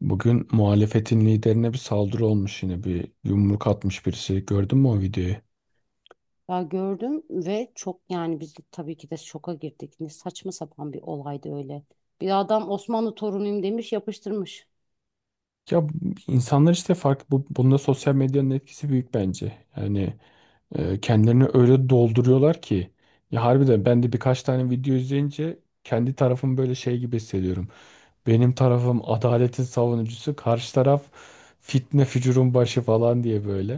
Bugün muhalefetin liderine bir saldırı olmuş yine bir yumruk atmış birisi. Gördün mü o videoyu? Ya gördüm ve çok yani biz de tabii ki de şoka girdik. Ne saçma sapan bir olaydı öyle. Bir adam Osmanlı torunuyum demiş yapıştırmış. Ya insanlar işte farklı bunda sosyal medyanın etkisi büyük bence. Yani kendilerini öyle dolduruyorlar ki ya harbiden ben de birkaç tane video izleyince kendi tarafım böyle şey gibi hissediyorum. Benim tarafım adaletin savunucusu, karşı taraf fitne fücurun başı falan diye böyle.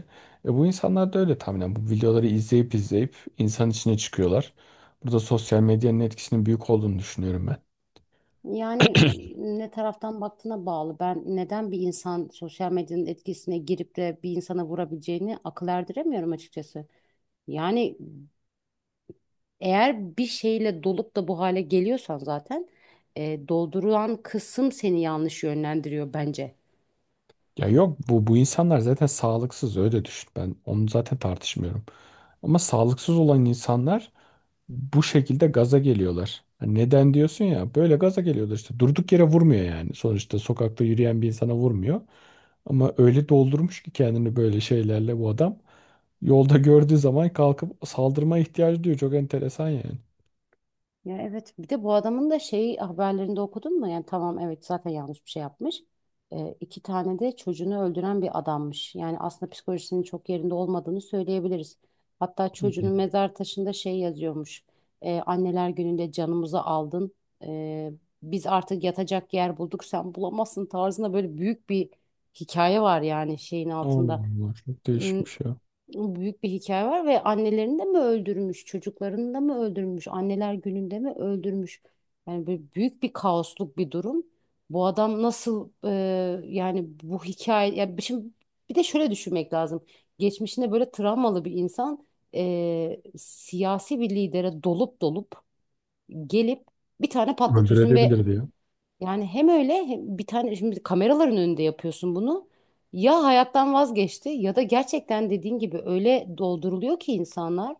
E bu insanlar da öyle tahminen. Bu videoları izleyip izleyip insan içine çıkıyorlar. Burada sosyal medyanın etkisinin büyük olduğunu düşünüyorum ben. Yani ne taraftan baktığına bağlı. Ben neden bir insan sosyal medyanın etkisine girip de bir insana vurabileceğini akıl erdiremiyorum açıkçası. Yani eğer bir şeyle dolup da bu hale geliyorsan zaten doldurulan kısım seni yanlış yönlendiriyor bence. Ya yok bu insanlar zaten sağlıksız öyle düşün. Ben onu zaten tartışmıyorum. Ama sağlıksız olan insanlar bu şekilde gaza geliyorlar. Hani neden diyorsun ya? Böyle gaza geliyorlar işte. Durduk yere vurmuyor yani. Sonuçta sokakta yürüyen bir insana vurmuyor. Ama öyle doldurmuş ki kendini böyle şeylerle bu adam. Yolda gördüğü zaman kalkıp saldırmaya ihtiyacı duyuyor. Çok enteresan yani. Ya evet bir de bu adamın da şey haberlerinde okudun mu? Yani tamam evet zaten yanlış bir şey yapmış. İki tane de çocuğunu öldüren bir adammış. Yani aslında psikolojisinin çok yerinde olmadığını söyleyebiliriz. Hatta çocuğunun Hmm. mezar taşında şey yazıyormuş. Anneler gününde canımızı aldın. Ee, Biz artık yatacak yer bulduk sen bulamazsın tarzında böyle büyük bir hikaye var yani şeyin Allah altında. Allah çok Hmm, değişmiş ya. Büyük bir hikaye var ve annelerini de mi öldürmüş, çocuklarını da mı öldürmüş, anneler gününde mi öldürmüş? Yani böyle büyük bir kaosluk bir durum. Bu adam nasıl yani bu hikaye şimdi bir de şöyle düşünmek lazım. Geçmişinde böyle travmalı bir insan siyasi bir lidere dolup gelip bir tane patlatıyorsun ve Öldürebilir diyor. yani hem öyle hem bir tane şimdi kameraların önünde yapıyorsun bunu. Ya hayattan vazgeçti ya da gerçekten dediğin gibi öyle dolduruluyor ki insanlar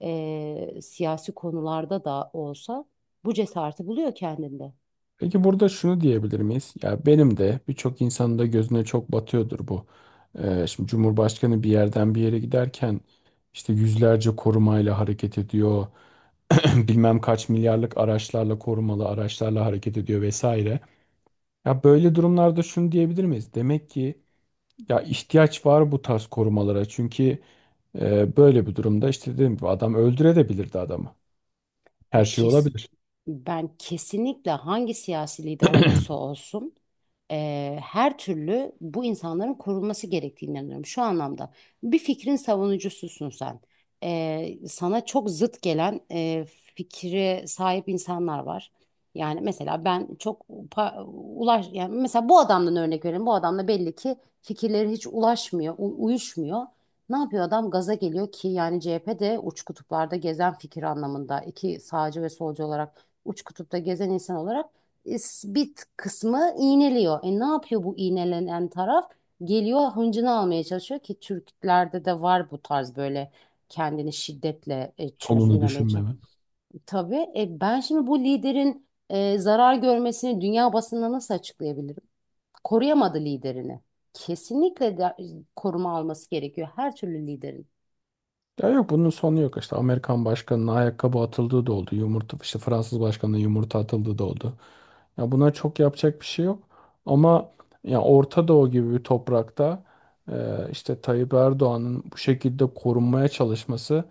siyasi konularda da olsa bu cesareti buluyor kendinde. Peki burada şunu diyebilir miyiz? Ya benim de birçok insanın da gözüne çok batıyordur bu. Şimdi Cumhurbaşkanı bir yerden bir yere giderken işte yüzlerce korumayla hareket ediyor. Bilmem kaç milyarlık araçlarla korumalı araçlarla hareket ediyor vesaire. Ya böyle durumlarda şunu diyebilir miyiz? Demek ki ya ihtiyaç var bu tarz korumalara. Çünkü böyle bir durumda işte dedim gibi adam öldürebilirdi adamı. Ve Her şey kes, olabilir. Ben kesinlikle hangi siyasi lider olursa olsun her türlü bu insanların korunması gerektiğine inanıyorum. Şu anlamda bir fikrin savunucususun sen. Sana çok zıt gelen fikre sahip insanlar var. Yani mesela ben çok ulaş yani mesela bu adamdan örnek verelim. Bu adamla belli ki fikirleri hiç ulaşmıyor, uyuşmuyor. Ne yapıyor adam? Gaza geliyor ki yani CHP de uç kutuplarda gezen fikir anlamında iki sağcı ve solcu olarak uç kutupta gezen insan olarak bit kısmı iğneliyor. E ne yapıyor bu iğnelenen taraf? Geliyor hıncını almaya çalışıyor ki Türklerde de var bu tarz böyle kendini şiddetle Sonunu çözümlemeye çalışıyor. düşünmeme. Tabii ben şimdi bu liderin zarar görmesini dünya basınına nasıl açıklayabilirim? Koruyamadı liderini. Kesinlikle de, koruma alması gerekiyor her türlü liderin. Ya yok bunun sonu yok işte Amerikan başkanının ayakkabı atıldığı da oldu. Yumurta işte Fransız başkanının yumurta atıldığı da oldu. Ya buna çok yapacak bir şey yok. Ama ya Orta Doğu gibi bir toprakta işte Tayyip Erdoğan'ın bu şekilde korunmaya çalışması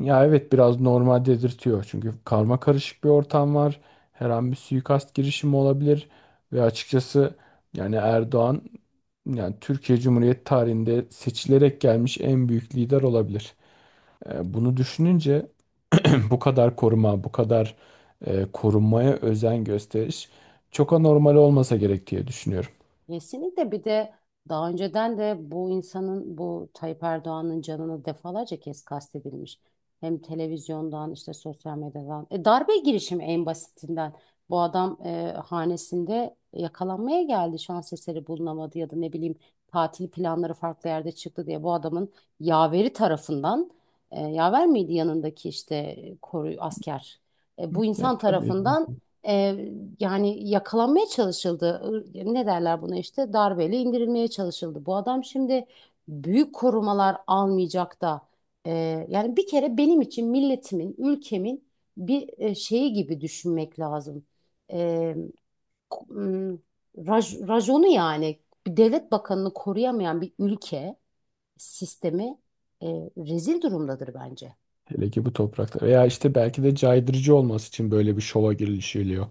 ya evet biraz normal dedirtiyor. Çünkü karma karışık bir ortam var. Her an bir suikast girişimi olabilir ve açıkçası yani Erdoğan yani Türkiye Cumhuriyeti tarihinde seçilerek gelmiş en büyük lider olabilir. E, bunu düşününce bu kadar koruma, bu kadar korunmaya özen gösteriş çok anormal olmasa gerek diye düşünüyorum. Kesinlikle bir de daha önceden de bu insanın bu Tayyip Erdoğan'ın canını defalarca kez kastedilmiş. Hem televizyondan işte sosyal medyadan. Darbe girişimi en basitinden. Bu adam hanesinde yakalanmaya geldi. Şans eseri bulunamadı ya da ne bileyim tatil planları farklı yerde çıktı diye bu adamın yaveri tarafından yaver miydi yanındaki işte koru asker. Bu Ya insan tabii. tarafından e, yani yakalanmaya çalışıldı. Ne derler buna işte darbeyle indirilmeye çalışıldı. Bu adam şimdi büyük korumalar almayacak da e, yani bir kere benim için milletimin, ülkemin bir şeyi gibi düşünmek lazım. E, k- m, Rajonu yani bir devlet bakanını koruyamayan bir ülke sistemi e, rezil durumdadır bence. Hele ki bu toprakta. Veya işte belki de caydırıcı olması için böyle bir şova girişiliyor.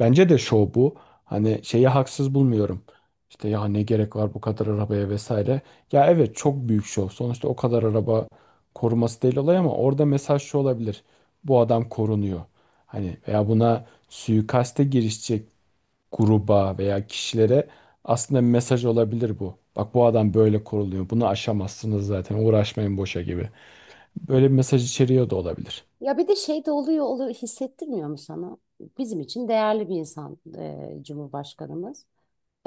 Bence de şov bu. Hani şeyi haksız bulmuyorum. İşte ya ne gerek var bu kadar arabaya vesaire. Ya evet çok büyük şov. Sonuçta o kadar araba koruması değil olay ama orada mesaj şu olabilir. Bu adam korunuyor. Hani veya buna suikaste girişecek gruba veya kişilere aslında bir mesaj olabilir bu. Bak bu adam böyle koruluyor. Bunu aşamazsınız zaten. Uğraşmayın boşa gibi. Böyle bir mesaj içeriyor da olabilir. Ya bir de şey de oluyor hissettirmiyor mu sana? Bizim için değerli bir insan Cumhurbaşkanımız.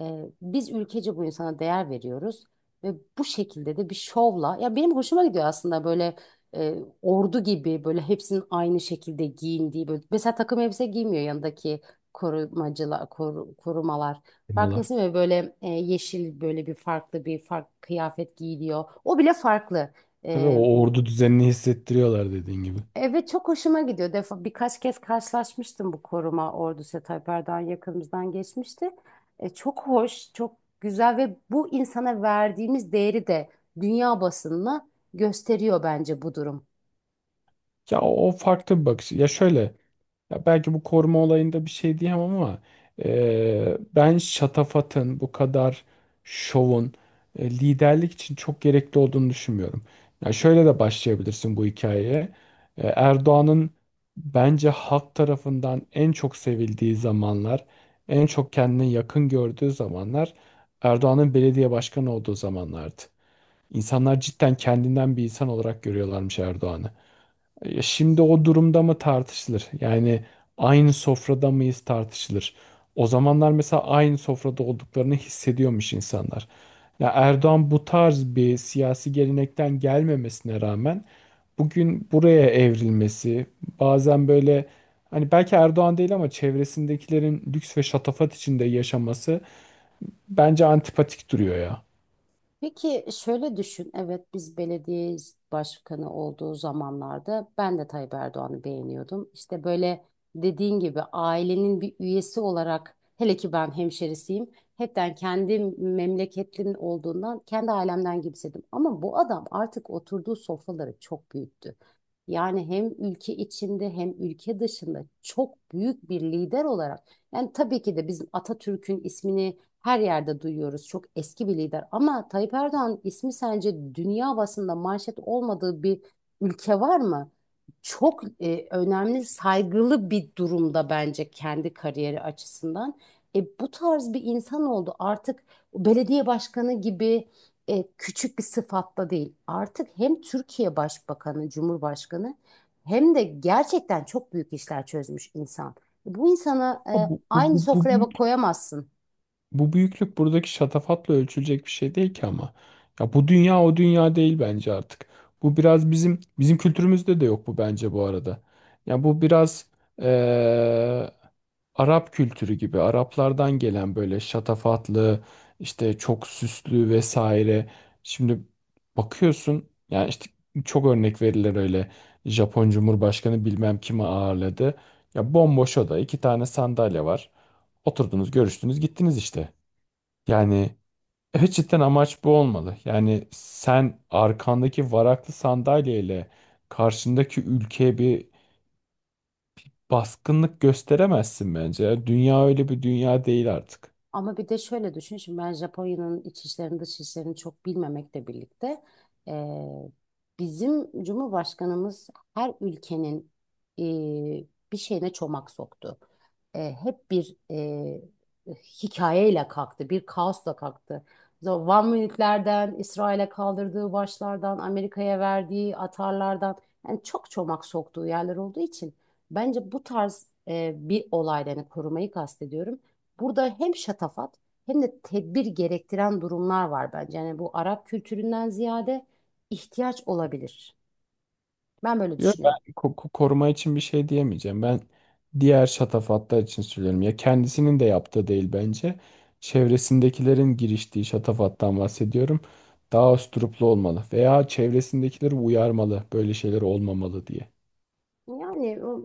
E, Biz ülkece bu insana değer veriyoruz ve bu şekilde de bir şovla. Ya benim hoşuma gidiyor aslında böyle e, ordu gibi böyle hepsinin aynı şekilde giyindiği böyle. Mesela takım elbise giymiyor yanındaki korumacılar, korumalar. Firmalar. Farkındasın ve böyle yeşil böyle bir farklı bir farklı kıyafet giyiliyor. O bile farklı. Tabii o ordu düzenini hissettiriyorlar dediğin gibi. Evet çok hoşuma gidiyor. Defa birkaç kez karşılaşmıştım bu koruma ordusu Tayyip Erdoğan yakınımızdan geçmişti. Çok hoş, çok güzel ve bu insana verdiğimiz değeri de dünya basınına gösteriyor bence bu durum. O farklı bir bakış. Ya şöyle, ya belki bu koruma olayında bir şey diyemem ama ben şatafatın bu kadar şovun liderlik için çok gerekli olduğunu düşünmüyorum. Ya şöyle de başlayabilirsin bu hikayeye. E, Erdoğan'ın bence halk tarafından en çok sevildiği zamanlar, en çok kendine yakın gördüğü zamanlar Erdoğan'ın belediye başkanı olduğu zamanlardı. İnsanlar cidden kendinden bir insan olarak görüyorlarmış Erdoğan'ı. E, şimdi o durumda mı tartışılır? Yani aynı sofrada mıyız tartışılır. O zamanlar mesela aynı sofrada olduklarını hissediyormuş insanlar. Ya Erdoğan bu tarz bir siyasi gelenekten gelmemesine rağmen bugün buraya evrilmesi, bazen böyle hani belki Erdoğan değil ama çevresindekilerin lüks ve şatafat içinde yaşaması bence antipatik duruyor ya. Peki şöyle düşün, evet biz belediye başkanı olduğu zamanlarda ben de Tayyip Erdoğan'ı beğeniyordum. İşte böyle dediğin gibi ailenin bir üyesi olarak hele ki ben hemşerisiyim. Hepten kendi memleketlimin olduğundan kendi ailemden gibiydim. Ama bu adam artık oturduğu sofraları çok büyüttü. Yani hem ülke içinde hem ülke dışında çok büyük bir lider olarak yani tabii ki de bizim Atatürk'ün ismini her yerde duyuyoruz. Çok eski bir lider ama Tayyip Erdoğan ismi sence dünya basında manşet olmadığı bir ülke var mı? Çok önemli, saygılı bir durumda bence kendi kariyeri açısından. Bu tarz bir insan oldu. Artık belediye başkanı gibi küçük bir sıfatla değil. Artık hem Türkiye Başbakanı, Cumhurbaşkanı hem de gerçekten çok büyük işler çözmüş insan. Bu insana Bu, bu, aynı bu, bu sofraya koyamazsın. bu büyüklük buradaki şatafatla ölçülecek bir şey değil ki ama. Ya bu dünya o dünya değil bence artık. Bu biraz bizim kültürümüzde de yok bu bence bu arada. Ya bu biraz eee, Arap kültürü gibi Araplardan gelen böyle şatafatlı işte çok süslü vesaire. Şimdi bakıyorsun yani işte çok örnek verilir öyle. Japon Cumhurbaşkanı bilmem kimi ağırladı. Ya bomboş oda iki tane sandalye var. Oturdunuz, görüştünüz, gittiniz işte. Yani evet cidden amaç bu olmalı. Yani sen arkandaki varaklı sandalyeyle karşındaki ülkeye bir baskınlık gösteremezsin bence. Yani dünya öyle bir dünya değil artık. Ama bir de şöyle düşün şimdi ben Japonya'nın iç işlerini dış işlerini çok bilmemekle birlikte eee, bizim Cumhurbaşkanımız her ülkenin eee, bir şeyine çomak soktu. Hep bir hikayeyle kalktı, bir kaosla kalktı. So, Van Münihlerden, İsrail'e kaldırdığı başlardan, Amerika'ya verdiği atarlardan yani çok çomak soktuğu yerler olduğu için bence bu tarz bir olaydan yani korumayı kastediyorum. Burada hem şatafat hem de tedbir gerektiren durumlar var bence. Yani bu Arap kültüründen ziyade ihtiyaç olabilir. Ben böyle Yok düşünüyorum. ben koruma için bir şey diyemeyeceğim. Ben diğer şatafatlar için söylüyorum. Ya kendisinin de yaptığı değil bence. Çevresindekilerin giriştiği şatafattan bahsediyorum. Daha usturuplu olmalı veya çevresindekileri uyarmalı. Böyle şeyler olmamalı diye. Yani o-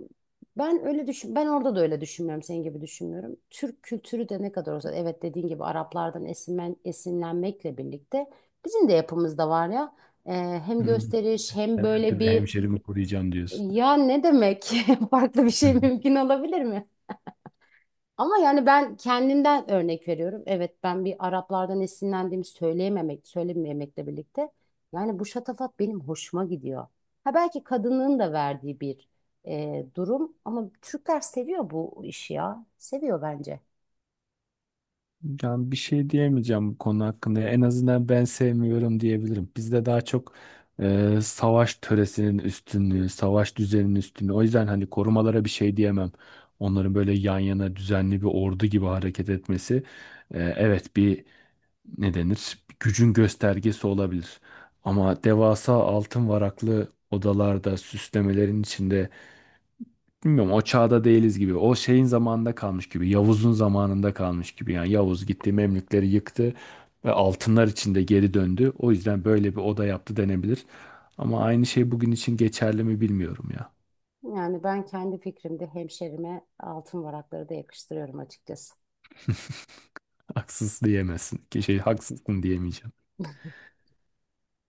Ben öyle düşün, ben orada da öyle düşünmüyorum, senin gibi düşünmüyorum. Türk kültürü de ne kadar olsa, evet dediğin gibi Araplardan esinlenmekle birlikte bizim de yapımızda var ya. Ee, Hem Hı. gösteriş hem Ben her böyle türlü bir hemşerimi koruyacağım diyorsun. ya ne demek farklı bir şey mümkün olabilir mi? Ama yani ben kendimden örnek veriyorum. Evet ben bir Araplardan esinlendiğimi söylememekle birlikte. Yani bu şatafat benim hoşuma gidiyor. Ha belki kadının da verdiği bir durum ama Türkler seviyor bu işi ya. Seviyor bence. Yani bir şey diyemeyeceğim bu konu hakkında. En azından ben sevmiyorum diyebilirim. Bizde daha çok savaş töresinin üstünlüğü, savaş düzeninin üstünlüğü. O yüzden hani korumalara bir şey diyemem. Onların böyle yan yana düzenli bir ordu gibi hareket etmesi evet bir ne denir? Bir gücün göstergesi olabilir. Ama devasa altın varaklı odalarda, süslemelerin içinde bilmiyorum o çağda değiliz gibi. O şeyin zamanında kalmış gibi. Yavuz'un zamanında kalmış gibi. Yani Yavuz gitti Memlükleri yıktı ve altınlar içinde geri döndü. O yüzden böyle bir oda yaptı denebilir. Ama aynı şey bugün için geçerli mi bilmiyorum ya. Yani ben kendi fikrimde hemşerime altın varakları da yakıştırıyorum açıkçası. Haksız diyemezsin. Ki şey haksızsın diyemeyeceğim.